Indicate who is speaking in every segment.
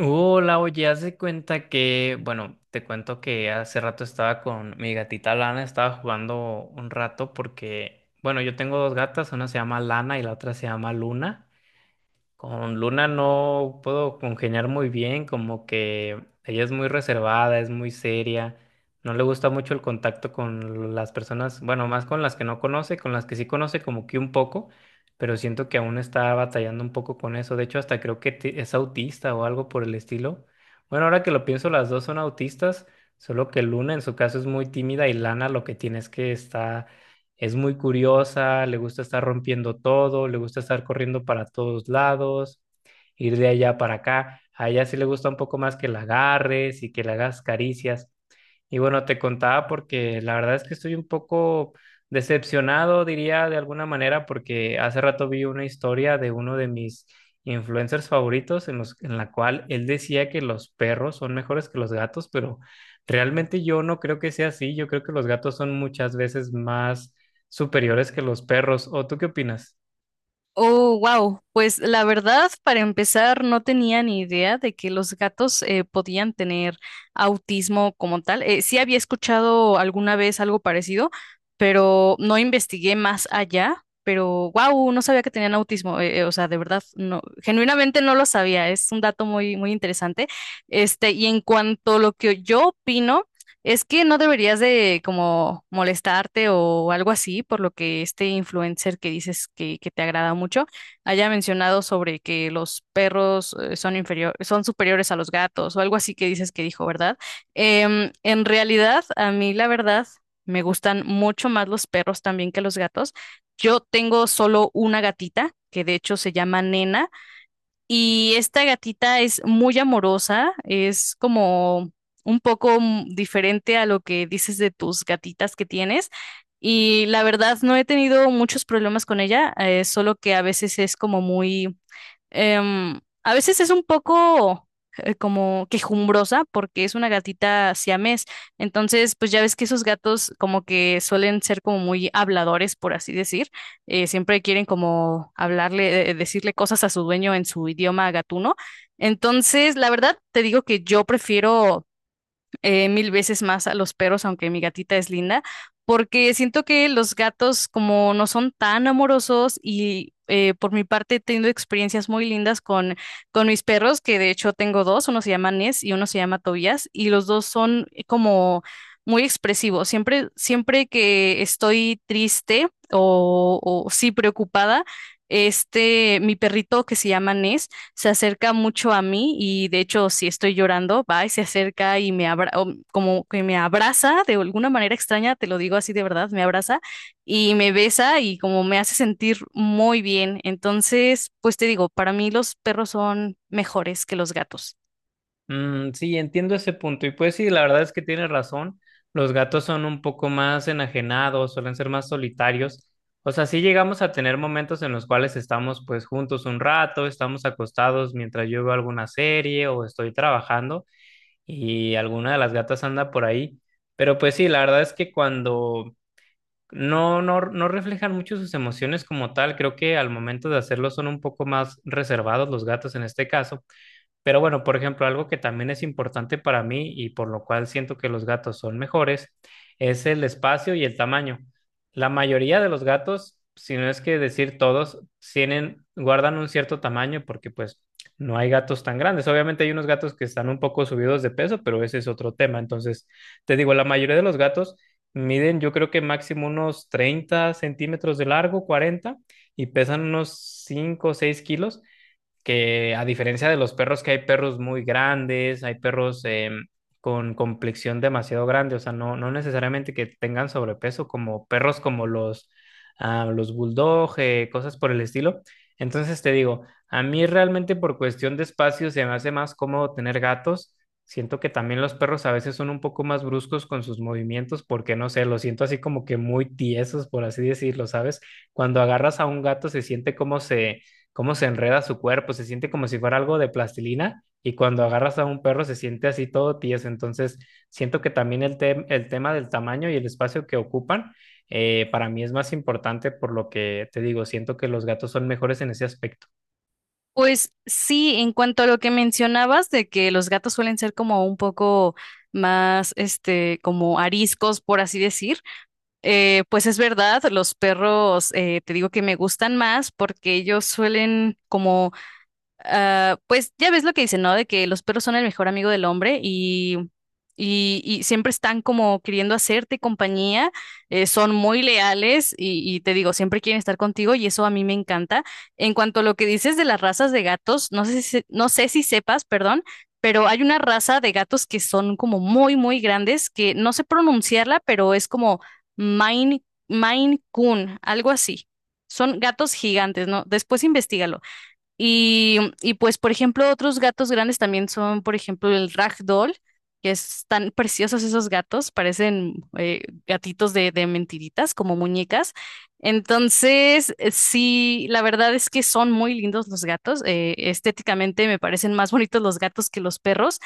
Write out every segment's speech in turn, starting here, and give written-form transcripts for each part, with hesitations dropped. Speaker 1: Hola, oye, haz de cuenta que, bueno, te cuento que hace rato estaba con mi gatita Lana, estaba jugando un rato porque, bueno, yo tengo dos gatas, una se llama Lana y la otra se llama Luna. Con Luna no puedo congeniar muy bien, como que ella es muy reservada, es muy seria, no le gusta mucho el contacto con las personas, bueno, más con las que no conoce, con las que sí conoce como que un poco, pero siento que aún está batallando un poco con eso. De hecho, hasta creo que es autista o algo por el estilo. Bueno, ahora que lo pienso, las dos son autistas, solo que Luna en su caso es muy tímida y Lana lo que tiene es que está es muy curiosa, le gusta estar rompiendo todo, le gusta estar corriendo para todos lados, ir de allá para acá. A ella sí le gusta un poco más que la agarres y que le hagas caricias. Y bueno, te contaba porque la verdad es que estoy un poco decepcionado, diría de alguna manera, porque hace rato vi una historia de uno de mis influencers favoritos en la cual él decía que los perros son mejores que los gatos, pero realmente yo no creo que sea así. Yo creo que los gatos son muchas veces más superiores que los perros. ¿O tú qué opinas?
Speaker 2: Oh, wow. Pues la verdad, para empezar, no tenía ni idea de que los gatos podían tener autismo como tal. Sí había escuchado alguna vez algo parecido, pero no investigué más allá. Pero wow, no sabía que tenían autismo. O sea, de verdad, no, genuinamente no lo sabía. Es un dato muy, muy interesante. Y en cuanto a lo que yo opino. Es que no deberías de como molestarte o algo así, por lo que este influencer que dices que te agrada mucho haya mencionado sobre que los perros son superiores a los gatos o algo así que dices que dijo, ¿verdad? En realidad, a mí la verdad me gustan mucho más los perros también que los gatos. Yo tengo solo una gatita que de hecho se llama Nena. Y esta gatita es muy amorosa, es como un poco diferente a lo que dices de tus gatitas que tienes. Y la verdad no he tenido muchos problemas con ella, solo que a veces es como muy a veces es un poco como quejumbrosa porque es una gatita siamés. Entonces, pues ya ves que esos gatos como que suelen ser como muy habladores, por así decir. Siempre quieren como hablarle, decirle cosas a su dueño en su idioma gatuno. Entonces, la verdad, te digo que yo prefiero mil veces más a los perros, aunque mi gatita es linda, porque siento que los gatos como no son tan amorosos y por mi parte he tenido experiencias muy lindas con mis perros, que de hecho tengo dos, uno se llama Ness y uno se llama Tobías, y los dos son como muy expresivos. Siempre, siempre que estoy triste o sí preocupada, mi perrito que se llama Ness, se acerca mucho a mí y de hecho si estoy llorando, va y se acerca y me abra o como que me abraza de alguna manera extraña, te lo digo así de verdad, me abraza y me besa y como me hace sentir muy bien. Entonces, pues te digo, para mí los perros son mejores que los gatos.
Speaker 1: Mm, sí, entiendo ese punto. Y pues sí, la verdad es que tienes razón. Los gatos son un poco más enajenados, suelen ser más solitarios. O sea, sí llegamos a tener momentos en los cuales estamos pues juntos un rato, estamos acostados mientras yo veo alguna serie o estoy trabajando y alguna de las gatas anda por ahí. Pero pues sí, la verdad es que cuando no reflejan mucho sus emociones como tal, creo que al momento de hacerlo son un poco más reservados los gatos en este caso. Pero bueno, por ejemplo, algo que también es importante para mí y por lo cual siento que los gatos son mejores es el espacio y el tamaño. La mayoría de los gatos, si no es que decir todos, tienen, guardan un cierto tamaño porque pues no hay gatos tan grandes. Obviamente hay unos gatos que están un poco subidos de peso, pero ese es otro tema. Entonces, te digo, la mayoría de los gatos miden yo creo que máximo unos 30 centímetros de largo, 40, y pesan unos 5 o 6 kilos, que a diferencia de los perros, que hay perros muy grandes, hay perros con complexión demasiado grande, o sea, no, no necesariamente que tengan sobrepeso, como perros como los bulldog, cosas por el estilo. Entonces te digo, a mí realmente por cuestión de espacio se me hace más cómodo tener gatos. Siento que también los perros a veces son un poco más bruscos con sus movimientos porque no sé, los siento así como que muy tiesos, por así decirlo, ¿sabes? Cuando agarras a un gato se siente como se cómo se enreda su cuerpo, se siente como si fuera algo de plastilina y cuando agarras a un perro se siente así todo tieso. Entonces, siento que también el tema del tamaño y el espacio que ocupan para mí es más importante por lo que te digo, siento que los gatos son mejores en ese aspecto.
Speaker 2: Pues sí, en cuanto a lo que mencionabas de que los gatos suelen ser como un poco más, como ariscos, por así decir. Pues es verdad, los perros te digo que me gustan más porque ellos suelen como Ah, pues ya ves lo que dicen, ¿no? De que los perros son el mejor amigo del hombre y siempre están como queriendo hacerte compañía, son muy leales y te digo, siempre quieren estar contigo y eso a mí me encanta. En cuanto a lo que dices de las razas de gatos, no sé si sepas, perdón, pero hay una raza de gatos que son como muy, muy grandes, que no sé pronunciarla, pero es como Maine Coon, algo así. Son gatos gigantes, ¿no? Después investígalo. Y pues, por ejemplo, otros gatos grandes también son, por ejemplo, el Ragdoll, que es tan preciosos esos gatos, parecen gatitos de mentiritas, como muñecas. Entonces, sí, la verdad es que son muy lindos los gatos. Estéticamente me parecen más bonitos los gatos que los perros.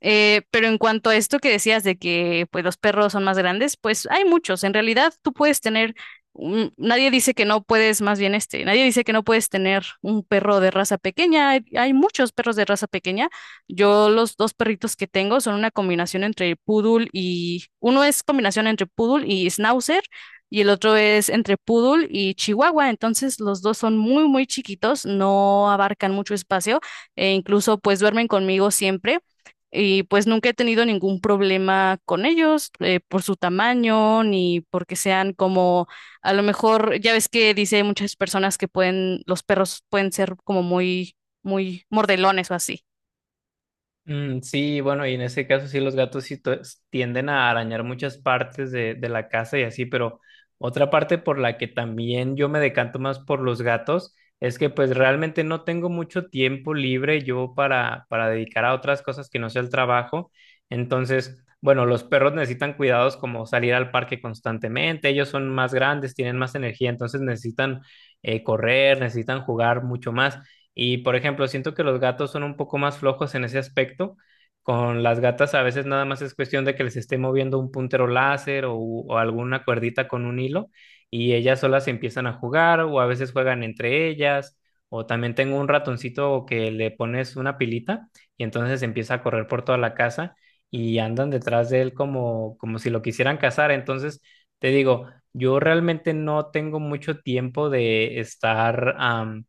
Speaker 2: Pero en cuanto a esto que decías de que pues, los perros son más grandes, pues hay muchos. En realidad tú puedes tener, nadie dice que no puedes, más bien nadie dice que no puedes tener un perro de raza pequeña. Hay muchos perros de raza pequeña. Yo los dos perritos que tengo son una combinación entre poodle y, uno es combinación entre poodle y schnauzer y el otro es entre poodle y chihuahua. Entonces los dos son muy, muy chiquitos, no abarcan mucho espacio e incluso pues duermen conmigo siempre. Y pues nunca he tenido ningún problema con ellos por su tamaño ni porque sean como, a lo mejor, ya ves que dice muchas personas que los perros pueden ser como muy, muy mordelones o así.
Speaker 1: Mm, sí, bueno, y en ese caso sí los gatos sí tienden a arañar muchas partes de la casa y así, pero otra parte por la que también yo me decanto más por los gatos es que pues realmente no tengo mucho tiempo libre yo para dedicar a otras cosas que no sea el trabajo. Entonces, bueno, los perros necesitan cuidados como salir al parque constantemente, ellos son más grandes, tienen más energía, entonces necesitan correr, necesitan jugar mucho más. Y por ejemplo, siento que los gatos son un poco más flojos en ese aspecto. Con las gatas a veces nada más es cuestión de que les esté moviendo un puntero láser o alguna cuerdita con un hilo y ellas solas empiezan a jugar o a veces juegan entre ellas. O también tengo un ratoncito que le pones una pilita y entonces empieza a correr por toda la casa y andan detrás de él como, como si lo quisieran cazar. Entonces, te digo, yo realmente no tengo mucho tiempo de estar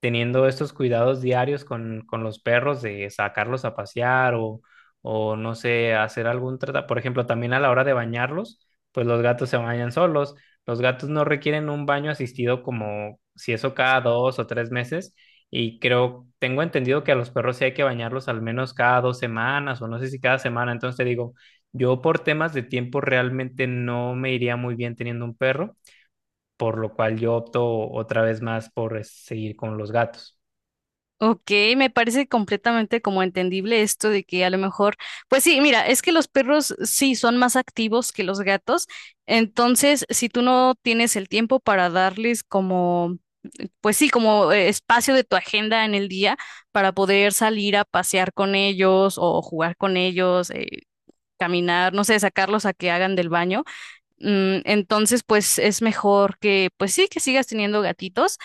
Speaker 1: teniendo estos cuidados diarios con los perros de sacarlos a pasear o no sé, hacer algún tratamiento. Por ejemplo, también a la hora de bañarlos, pues los gatos se bañan solos. Los gatos no requieren un baño asistido como si eso cada 2 o 3 meses. Y creo, tengo entendido que a los perros sí hay que bañarlos al menos cada 2 semanas o no sé si cada semana. Entonces te digo, yo por temas de tiempo realmente no me iría muy bien teniendo un perro, por lo cual yo opto otra vez más por seguir con los gatos.
Speaker 2: Ok, me parece completamente como entendible esto de que a lo mejor, pues sí, mira, es que los perros sí son más activos que los gatos, entonces si tú no tienes el tiempo para darles como pues sí, como espacio de tu agenda en el día para poder salir a pasear con ellos o jugar con ellos, caminar, no sé, sacarlos a que hagan del baño. Entonces, pues es mejor que, pues sí, que sigas teniendo gatitos.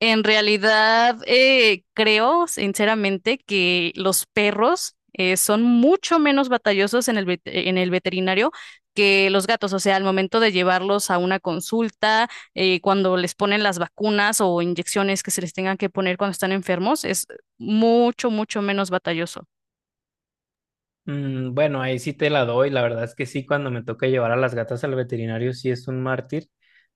Speaker 2: En realidad, creo sinceramente que los perros son mucho menos batallosos en el veterinario que los gatos. O sea, al momento de llevarlos a una consulta, cuando les ponen las vacunas o inyecciones que se les tengan que poner cuando están enfermos, es mucho, mucho menos batalloso.
Speaker 1: Mm, bueno, ahí sí te la doy. La verdad es que sí, cuando me toca llevar a las gatas al veterinario, sí es un mártir,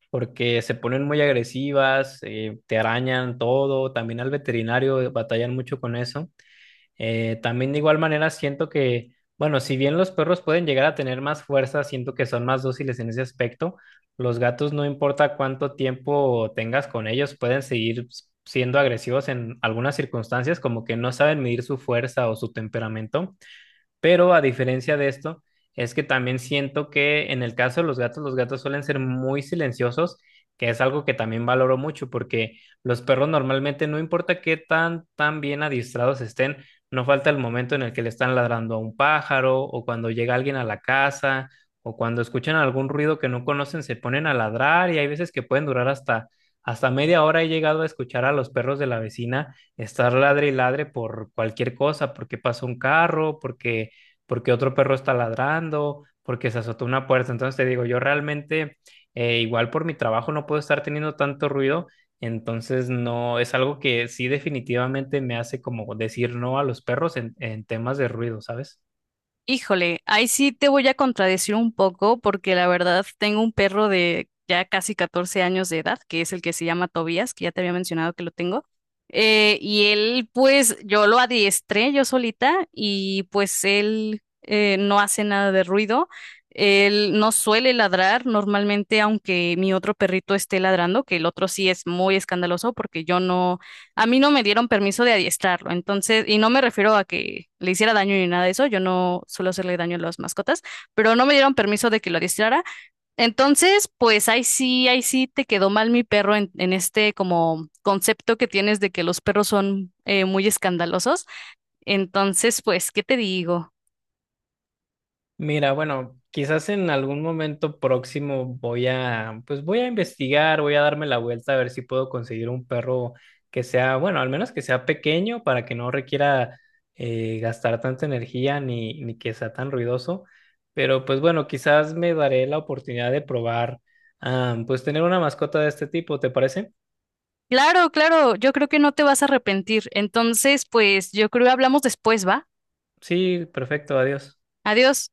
Speaker 1: porque se ponen muy agresivas, te arañan todo. También al veterinario batallan mucho con eso. También de igual manera siento que, bueno, si bien los perros pueden llegar a tener más fuerza, siento que son más dóciles en ese aspecto. Los gatos, no importa cuánto tiempo tengas con ellos, pueden seguir siendo agresivos en algunas circunstancias, como que no saben medir su fuerza o su temperamento. Pero a diferencia de esto, es que también siento que en el caso de los gatos suelen ser muy silenciosos, que es algo que también valoro mucho, porque los perros normalmente, no importa qué tan bien adiestrados estén, no falta el momento en el que le están ladrando a un pájaro, o cuando llega alguien a la casa, o cuando escuchan algún ruido que no conocen, se ponen a ladrar, y hay veces que pueden durar hasta media hora. He llegado a escuchar a los perros de la vecina estar ladre y ladre por cualquier cosa, porque pasó un carro, porque otro perro está ladrando, porque se azotó una puerta. Entonces te digo, yo realmente, igual por mi trabajo no puedo estar teniendo tanto ruido, entonces no, es algo que sí definitivamente me hace como decir no a los perros en temas de ruido, ¿sabes?
Speaker 2: Híjole, ahí sí te voy a contradecir un poco porque la verdad tengo un perro de ya casi 14 años de edad, que es el que se llama Tobías, que ya te había mencionado que lo tengo. Y él, pues yo lo adiestré yo solita y pues él no hace nada de ruido. Él no suele ladrar normalmente, aunque mi otro perrito esté ladrando, que el otro sí es muy escandaloso porque yo no... A mí no me dieron permiso de adiestrarlo, entonces, y no me refiero a que le hiciera daño ni nada de eso, yo no suelo hacerle daño a las mascotas, pero no me dieron permiso de que lo adiestrara. Entonces, pues ahí sí te quedó mal mi perro en este como concepto que tienes de que los perros son muy escandalosos. Entonces, pues, ¿qué te digo?
Speaker 1: Mira, bueno, quizás en algún momento próximo voy a, pues voy a investigar, voy a darme la vuelta a ver si puedo conseguir un perro que sea, bueno, al menos que sea pequeño para que no requiera gastar tanta energía ni que sea tan ruidoso. Pero pues bueno, quizás me daré la oportunidad de probar, pues tener una mascota de este tipo, ¿te parece?
Speaker 2: Claro, claro, yo creo que no te vas a arrepentir. Entonces, pues, yo creo que hablamos después, ¿va?
Speaker 1: Sí, perfecto, adiós.
Speaker 2: Adiós.